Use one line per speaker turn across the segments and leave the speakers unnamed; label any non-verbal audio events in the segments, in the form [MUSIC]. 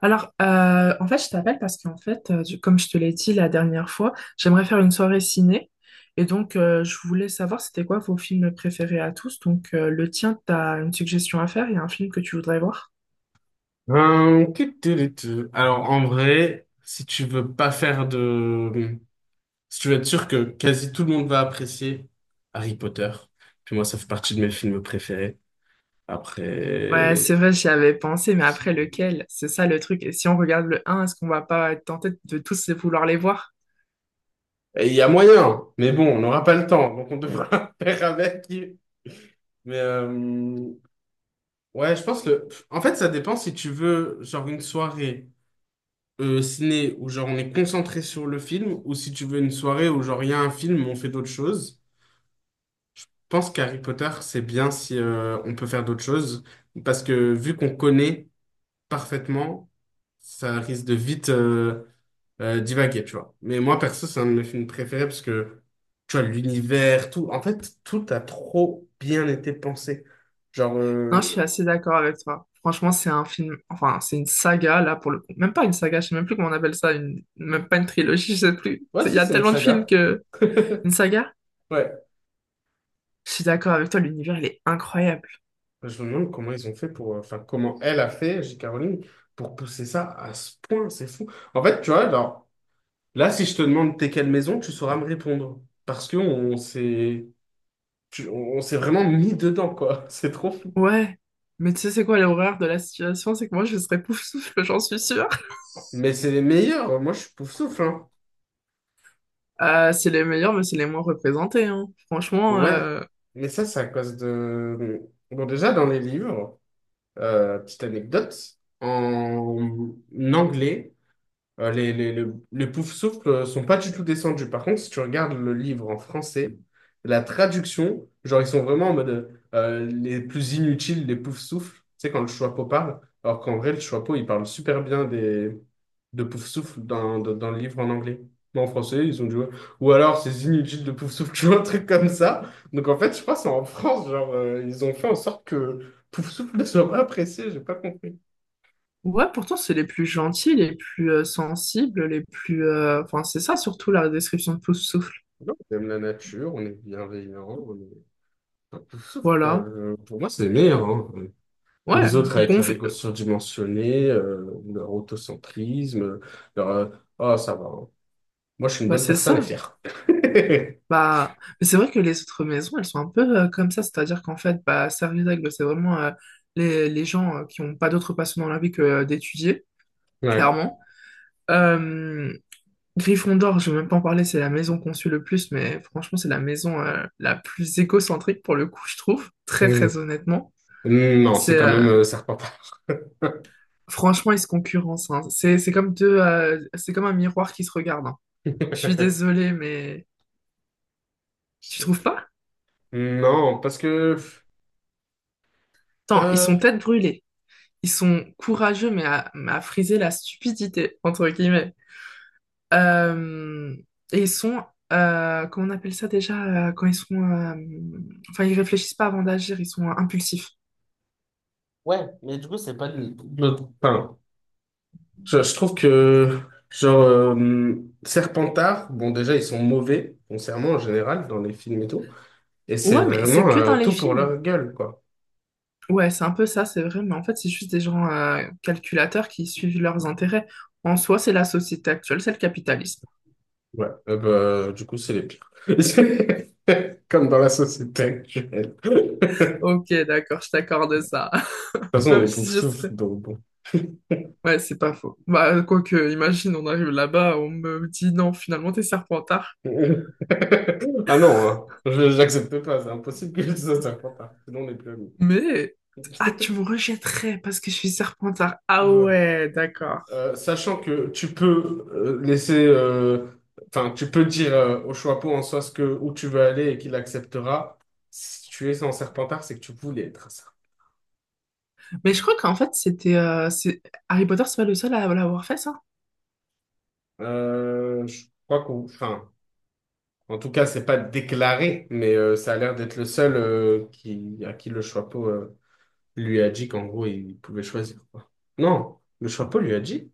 En fait, je t'appelle parce qu'en fait, du- comme je te l'ai dit la dernière fois, j'aimerais faire une soirée ciné. Et donc, je voulais savoir c'était quoi vos films préférés à tous. Donc, le tien, t'as une suggestion à faire? Il y a un film que tu voudrais voir?
Qui te dit tu. Alors, en vrai, si tu veux pas faire de... Si tu veux être sûr que quasi tout le monde va apprécier Harry Potter, puis moi, ça fait partie de mes films préférés.
Ouais,
Après,
c'est vrai, j'y avais pensé, mais après, lequel? C'est ça le truc. Et si on regarde le un, est-ce qu'on va pas être tenté de tous les vouloir les voir?
et il y a moyen, mais bon, on n'aura pas le temps, donc on devra [LAUGHS] faire avec. Mais ouais, je pense que... En fait, ça dépend si tu veux, genre, une soirée ciné où, genre, on est concentré sur le film, ou si tu veux une soirée où, genre, il y a un film, mais on fait d'autres choses. Pense qu'Harry Potter, c'est bien si on peut faire d'autres choses, parce que vu qu'on connaît parfaitement, ça risque de vite divaguer, tu vois. Mais moi, perso, c'est un de mes films préférés, parce que, tu vois, l'univers, tout, en fait, tout a trop bien été pensé. Genre,
Non, je suis
euh,
assez d'accord avec toi. Franchement, c'est un film, enfin, c'est une saga, là, pour le coup. Même pas une saga, je sais même plus comment on appelle ça, une... même pas une trilogie, je sais plus.
ouais,
Il y
si,
a
c'est une
tellement de films
saga.
que... Une saga?
Ouais.
Je suis d'accord avec toi, l'univers, il est incroyable.
Je me demande comment ils ont fait pour, enfin, comment elle a fait, J. Caroline, pour pousser ça à ce point, c'est fou. En fait, tu vois, genre, là, si je te demande t'es quelle maison, tu sauras me répondre. Parce que on s'est, on s'est vraiment mis dedans, quoi. [LAUGHS] C'est trop fou.
Ouais. Mais tu sais, c'est quoi l'horreur de la situation? C'est que moi, je serais Poufsouffle, [LAUGHS] j'en suis sûre.
Mais c'est les meilleurs. Moi, je suis pouf-souffle, hein.
C'est les meilleurs, mais c'est les moins représentés, hein. Franchement,
Ouais.
euh,
Mais ça, c'est à cause de... Bon, déjà, dans les livres, petite anecdote, en anglais, Euh, les, les, les, les Poufsouffles sont pas du tout descendus. Par contre, si tu regardes le livre en français, la traduction, genre, ils sont vraiment en mode les plus inutiles, les Poufsouffles. Tu sais, quand le Choixpeau parle, alors qu'en vrai, le Choixpeau, il parle super bien des, de Poufsouffles dans le livre en anglais. Mais en français, ils ont dit, ouais. Ou alors, ces inutiles de Poufsouffles, [LAUGHS] tu vois, un truc comme ça. Donc, en fait, je pense en France, genre, ils ont fait en sorte que Poufsouffle [LAUGHS] ne soit pas apprécié. J'ai pas compris.
ouais, pourtant, c'est les plus gentils, les plus sensibles, les plus... Enfin, c'est ça, surtout, la description de Poufsouffle.
Non, on aime la nature, on est bienveillant, on est... Sauf que,
Voilà.
pour moi, c'est les meilleurs, hein.
Ouais,
Les autres, avec
bon...
leur
vi-
ego surdimensionné, leur autocentrisme, leur Oh, ça va, hein. Moi, je suis une
Bah,
bonne
c'est
personne à
ça.
faire. [LAUGHS]
Bah, mais c'est vrai que les autres maisons, elles sont un peu comme ça. C'est-à-dire qu'en fait, bah, Servitag, bah, c'est vraiment les gens qui n'ont pas d'autre passion dans la vie que d'étudier,
Ouais.
clairement. Euh, Gryffondor, je vais même pas en parler, c'est la maison qu'on suit le plus, mais franchement, c'est la maison la plus égocentrique pour le coup, je trouve, très
Mm.
très honnêtement.
Mm, non, c'est
C'est
quand même Serpentard.
Franchement, ils se concurrencent, hein. C'est comme deux, c'est comme un miroir qui se regarde, hein. Je suis
[LAUGHS]
désolée, mais tu trouves pas?
Non, parce que...
Attends, ils
euh,
sont tête brûlée, ils sont courageux, mais mais à friser la stupidité entre guillemets. Euh, et ils sont, comment on appelle ça déjà, quand ils sont, enfin, ils réfléchissent pas avant d'agir, ils sont impulsifs.
ouais, mais du coup, c'est pas... Enfin, je trouve que... Genre, euh, Serpentard, bon, déjà, ils sont mauvais, foncièrement, en général, dans les films et tout. Et c'est
Ouais, mais
vraiment
c'est que dans les
tout pour leur
films.
gueule, quoi.
Ouais, c'est un peu ça, c'est vrai, mais en fait, c'est juste des gens calculateurs qui suivent leurs intérêts. En soi, c'est la société actuelle, c'est le capitalisme.
Ouais. Du coup, c'est les pires. [LAUGHS] Comme dans la société actuelle. [LAUGHS] De
Ok, d'accord, je t'accorde ça.
toute
[LAUGHS]
façon, on
Même
les
si
pauvres
je serais...
souffle donc bon.
Ouais, c'est pas faux. Bah, quoique, imagine, on arrive là-bas, on me dit non, finalement, t'es serpentard.
[LAUGHS] Ah non, hein. J'accepte pas, c'est impossible que ça soit pas tard, sinon on n'est plus amis.
Mais... Ah, tu me
[LAUGHS]
rejetterais parce que je suis Serpentard. Ah
Bah,
ouais, d'accord.
sachant que tu peux enfin, tu peux dire au chapeau en soi ce que, où tu veux aller et qu'il acceptera, si tu es en Serpentard, c'est que tu voulais être ça.
Mais je crois qu'en fait, c'était... c'est... Harry Potter, c'est pas le seul à l'avoir fait, ça?
Je crois enfin, en tout cas, c'est pas déclaré, mais ça a l'air d'être le seul à qui le chapeau lui a dit qu'en gros, il pouvait choisir, quoi. Non, le chapeau lui a dit.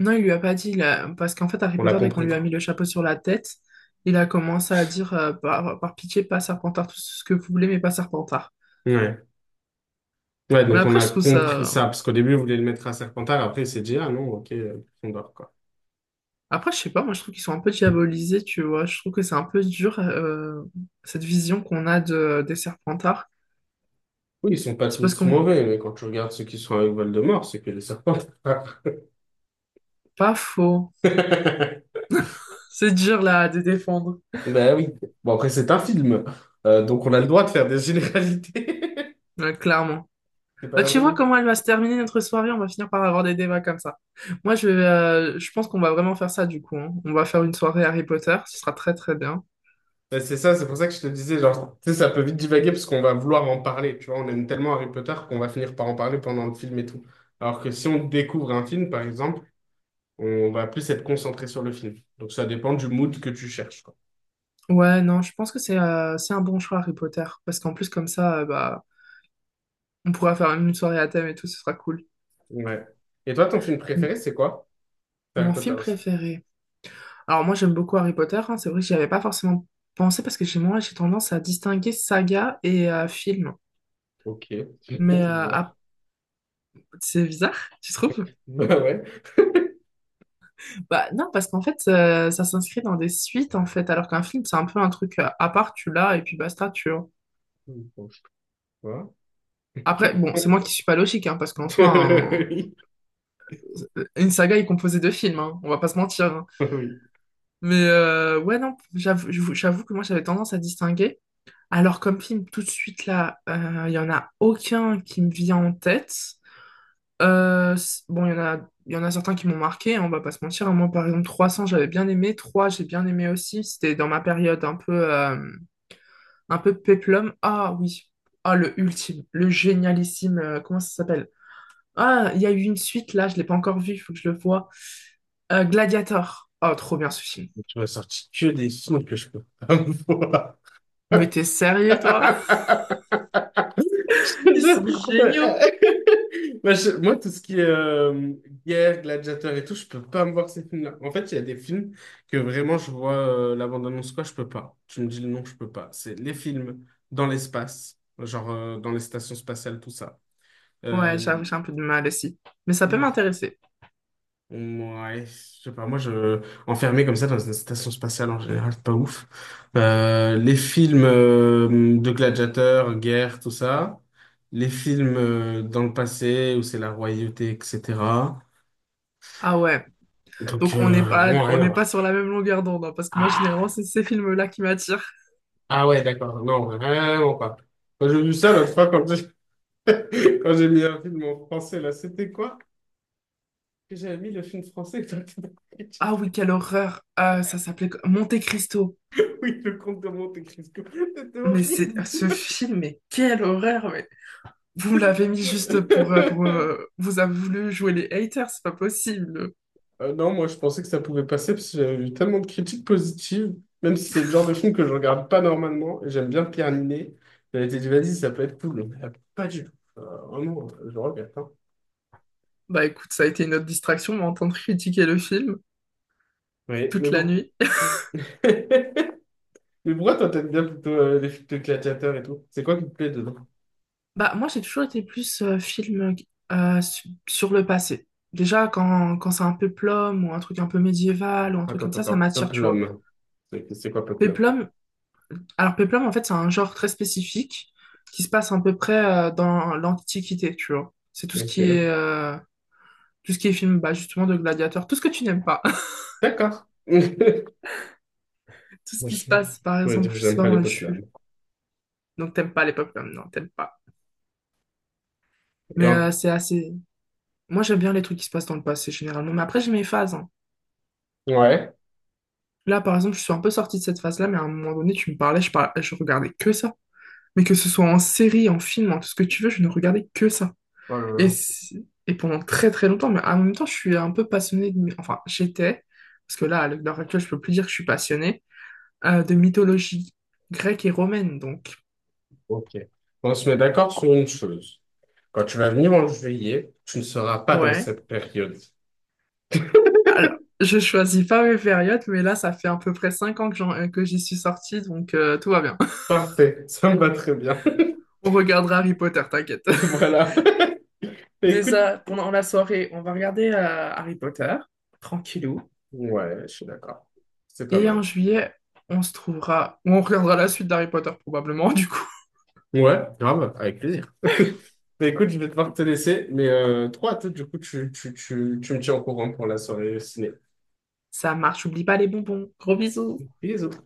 Non, il lui a pas dit, là, parce qu'en fait, Harry
On l'a
Potter, dès qu'on
compris,
lui a mis
quoi.
le chapeau sur la tête, il a commencé à dire, par pitié, pas Serpentard, tout ce que vous voulez, mais pas Serpentard.
Ouais. Ouais,
Mais
donc on
après, je
a
trouve
compris
ça...
ça, parce qu'au début, il voulait le mettre à Serpentard, après, il s'est dit, ah non, ok, Gryffondor, quoi.
Après, je sais pas, moi, je trouve qu'ils sont un peu diabolisés, tu vois. Je trouve que c'est un peu dur, cette vision qu'on a des Serpentards.
Oui, ils sont pas
C'est parce
tous
qu'on...
mauvais, mais quand tu regardes ceux qui sont avec Voldemort, c'est que les Serpentards.
Pas faux.
[LAUGHS]
C'est dur, là, de défendre.
Ben oui. Bon, après, c'est un film. Donc on a le droit de faire des généralités.
Ouais, clairement.
[LAUGHS] C'est pas
Bah,
la
tu
vraie
vois
vie.
comment elle va se terminer notre soirée, on va finir par avoir des débats comme ça. Moi, je pense qu'on va vraiment faire ça du coup, hein. On va faire une soirée Harry Potter, ce sera très très bien.
Ben, c'est ça, c'est pour ça que je te disais, genre, tu sais, ça peut vite divaguer parce qu'on va vouloir en parler, tu vois, on aime tellement Harry Potter qu'on va finir par en parler pendant le film et tout. Alors que si on découvre un film, par exemple, on va plus être concentré sur le film. Donc ça dépend du mood que tu cherches, quoi.
Ouais, non, je pense que c'est un bon choix Harry Potter, parce qu'en plus comme ça, bah, on pourra faire une soirée à thème et tout, ce sera cool.
Ouais. Et toi, ton film
Mm.
préféré, c'est quoi? C'est Harry
Mon
Potter
film
aussi.
préféré. Alors moi, j'aime beaucoup Harry Potter, hein. C'est vrai que j'y avais pas forcément pensé, parce que chez moi, j'ai tendance à distinguer saga et film.
Ok, [LAUGHS]
Mais
c'est
euh, ah,
bizarre.
c'est bizarre, tu trouves?
Bah ouais.
Bah non, parce qu'en fait, ça s'inscrit dans des suites, en fait, alors qu'un film, c'est un peu un truc à part, tu l'as, et puis basta, tu vois.
Bon, je sais pas.
Après, bon, c'est moi qui suis pas logique, hein, parce qu'en soi, un-
[LAUGHS]
une saga est composée de films, hein, on va pas se mentir, hein.
Oui. Oui.
Mais ouais, non, j'avoue, j'avoue que moi, j'avais tendance à distinguer. Alors, comme film, tout de suite, là, il y en a aucun qui me vient en tête. Bon, il y en a, il y en a certains qui m'ont marqué, hein, on va pas se mentir, hein. Moi, par exemple, 300 j'avais bien aimé. 3 j'ai bien aimé aussi. C'était dans ma période un peu... Un peu péplum. Ah oui. Ah, le ultime, le génialissime, comment ça s'appelle? Ah, il y a eu une suite là, je l'ai pas encore vue, il faut que je le voie. Gladiator. Oh, trop bien ce film.
Tu m'as sorti que des films que je peux pas
Mais t'es sérieux, toi?
voir. [LAUGHS]
[LAUGHS] Ils sont géniaux.
[LAUGHS] Moi, moi, tout ce qui est guerre, gladiateur et tout, je peux pas me voir ces films-là. En fait, il y a des films que vraiment je vois la bande-annonce, quoi, je peux pas. Tu me dis le nom, je peux pas. C'est les films dans l'espace, dans les stations spatiales, tout ça.
Ouais,
Euh,
j'avoue, j'ai un peu de mal aussi. Mais ça peut
les-
m'intéresser.
Ouais, je sais pas, moi je enfermé comme ça dans une station spatiale en général, c'est pas ouf. Les films de gladiateurs, guerre, tout ça. Les films dans le passé où c'est la royauté, etc.
Ah ouais.
Donc
Donc
vraiment
on
rien à
n'est pas
voir.
sur la même longueur d'onde, hein, parce que moi, généralement,
Ah,
c'est ces films-là qui m'attirent.
ah ouais, d'accord, non, vraiment pas. Quand j'ai vu ça l'autre fois, quand j'ai [LAUGHS] quand j'ai mis un film en français, là, c'était quoi? Que j'avais mis le film français que t'as
Ah oui,
critiqué.
quelle horreur. Ah, ça s'appelait Monte Cristo.
Oui, le comte de Monte-Cristo. C'était
Mais c'est
horrible.
ce film, mais quelle horreur. Vous me l'avez mis juste pour
[LAUGHS]
vous avez voulu jouer les haters, c'est pas possible.
Non, moi je pensais que ça pouvait passer parce que j'avais eu tellement de critiques positives, même si c'est le genre de film que je regarde pas normalement, et j'aime bien Pierre Ninet. J'avais été dit, vas-y, ça peut être cool, mais pas du tout. Vraiment, je le regrette, hein.
Bah écoute, ça a été une autre distraction, m'entendre critiquer le film
Oui, mais
toute la
bon.
nuit. [LAUGHS]
[LAUGHS] Mais pourquoi toi t'aimes bien plutôt les films de gladiateurs et tout? C'est quoi qui te plaît dedans?
Bah moi j'ai toujours été plus film sur le passé. Déjà quand c'est un péplum ou un truc un peu médiéval ou un truc
Attends,
comme
attends,
ça
attends.
m'attire, tu vois.
Peplum. C'est quoi Peplum?
Péplum, alors péplum en fait c'est un genre très spécifique qui se passe à peu près dans l'Antiquité, tu vois. C'est tout ce qui est
Ok.
tout ce qui est film bah, justement de gladiateurs, tout ce que tu n'aimes pas.
D'accord. [LAUGHS] Moi
Tout ce
je
qui se
je
passe. Par
pourrais dire
exemple,
que
je sais
j'aime
pas,
pas les
moi, je suis...
Peplum.
Donc, t'aimes pas les pop comme non, t'aimes pas.
Et
Mais
en-
c'est assez... Moi, j'aime bien les trucs qui se passent dans le passé, généralement. Mais après, j'ai mes phases, hein.
Ouais.
Là, par exemple, je suis un peu sortie de cette phase-là, mais à un moment donné, tu me parlais, parlais, je regardais que ça. Mais que ce soit en série, en film, en tout ce que tu veux, je ne regardais que ça.
Oh là
Et,
là.
et pendant très très longtemps, mais en même temps, je suis un peu passionnée de... Enfin, j'étais, parce que là, à l'heure actuelle, je peux plus dire que je suis passionnée, de mythologie grecque et romaine, donc.
Ok. On se met d'accord sur une chose. Quand tu vas venir en juillet, tu ne seras pas dans
Ouais.
cette période.
Alors, je choisis pas mes périodes, mais là, ça fait à peu près 5 ans que que j'y suis sortie, donc tout va bien.
Parfait, ça me va très bien. [LAUGHS]
[LAUGHS] On regardera Harry Potter, t'inquiète.
Voilà. [LAUGHS]
[LAUGHS]
Écoute.
Déjà, pendant la soirée, on va regarder Harry Potter, tranquillou.
Ouais, je suis d'accord. C'est pas
Et en
mal.
juillet, on se trouvera, ou on regardera la suite d'Harry Potter probablement, [LAUGHS] du coup.
Ouais, grave, avec plaisir. [LAUGHS] Bah, écoute, je vais devoir te laisser, mais trop à toi, du coup, tu me tiens au courant pour la soirée ciné.
Ça marche, oublie pas les bonbons. Gros bisous.
Bisous.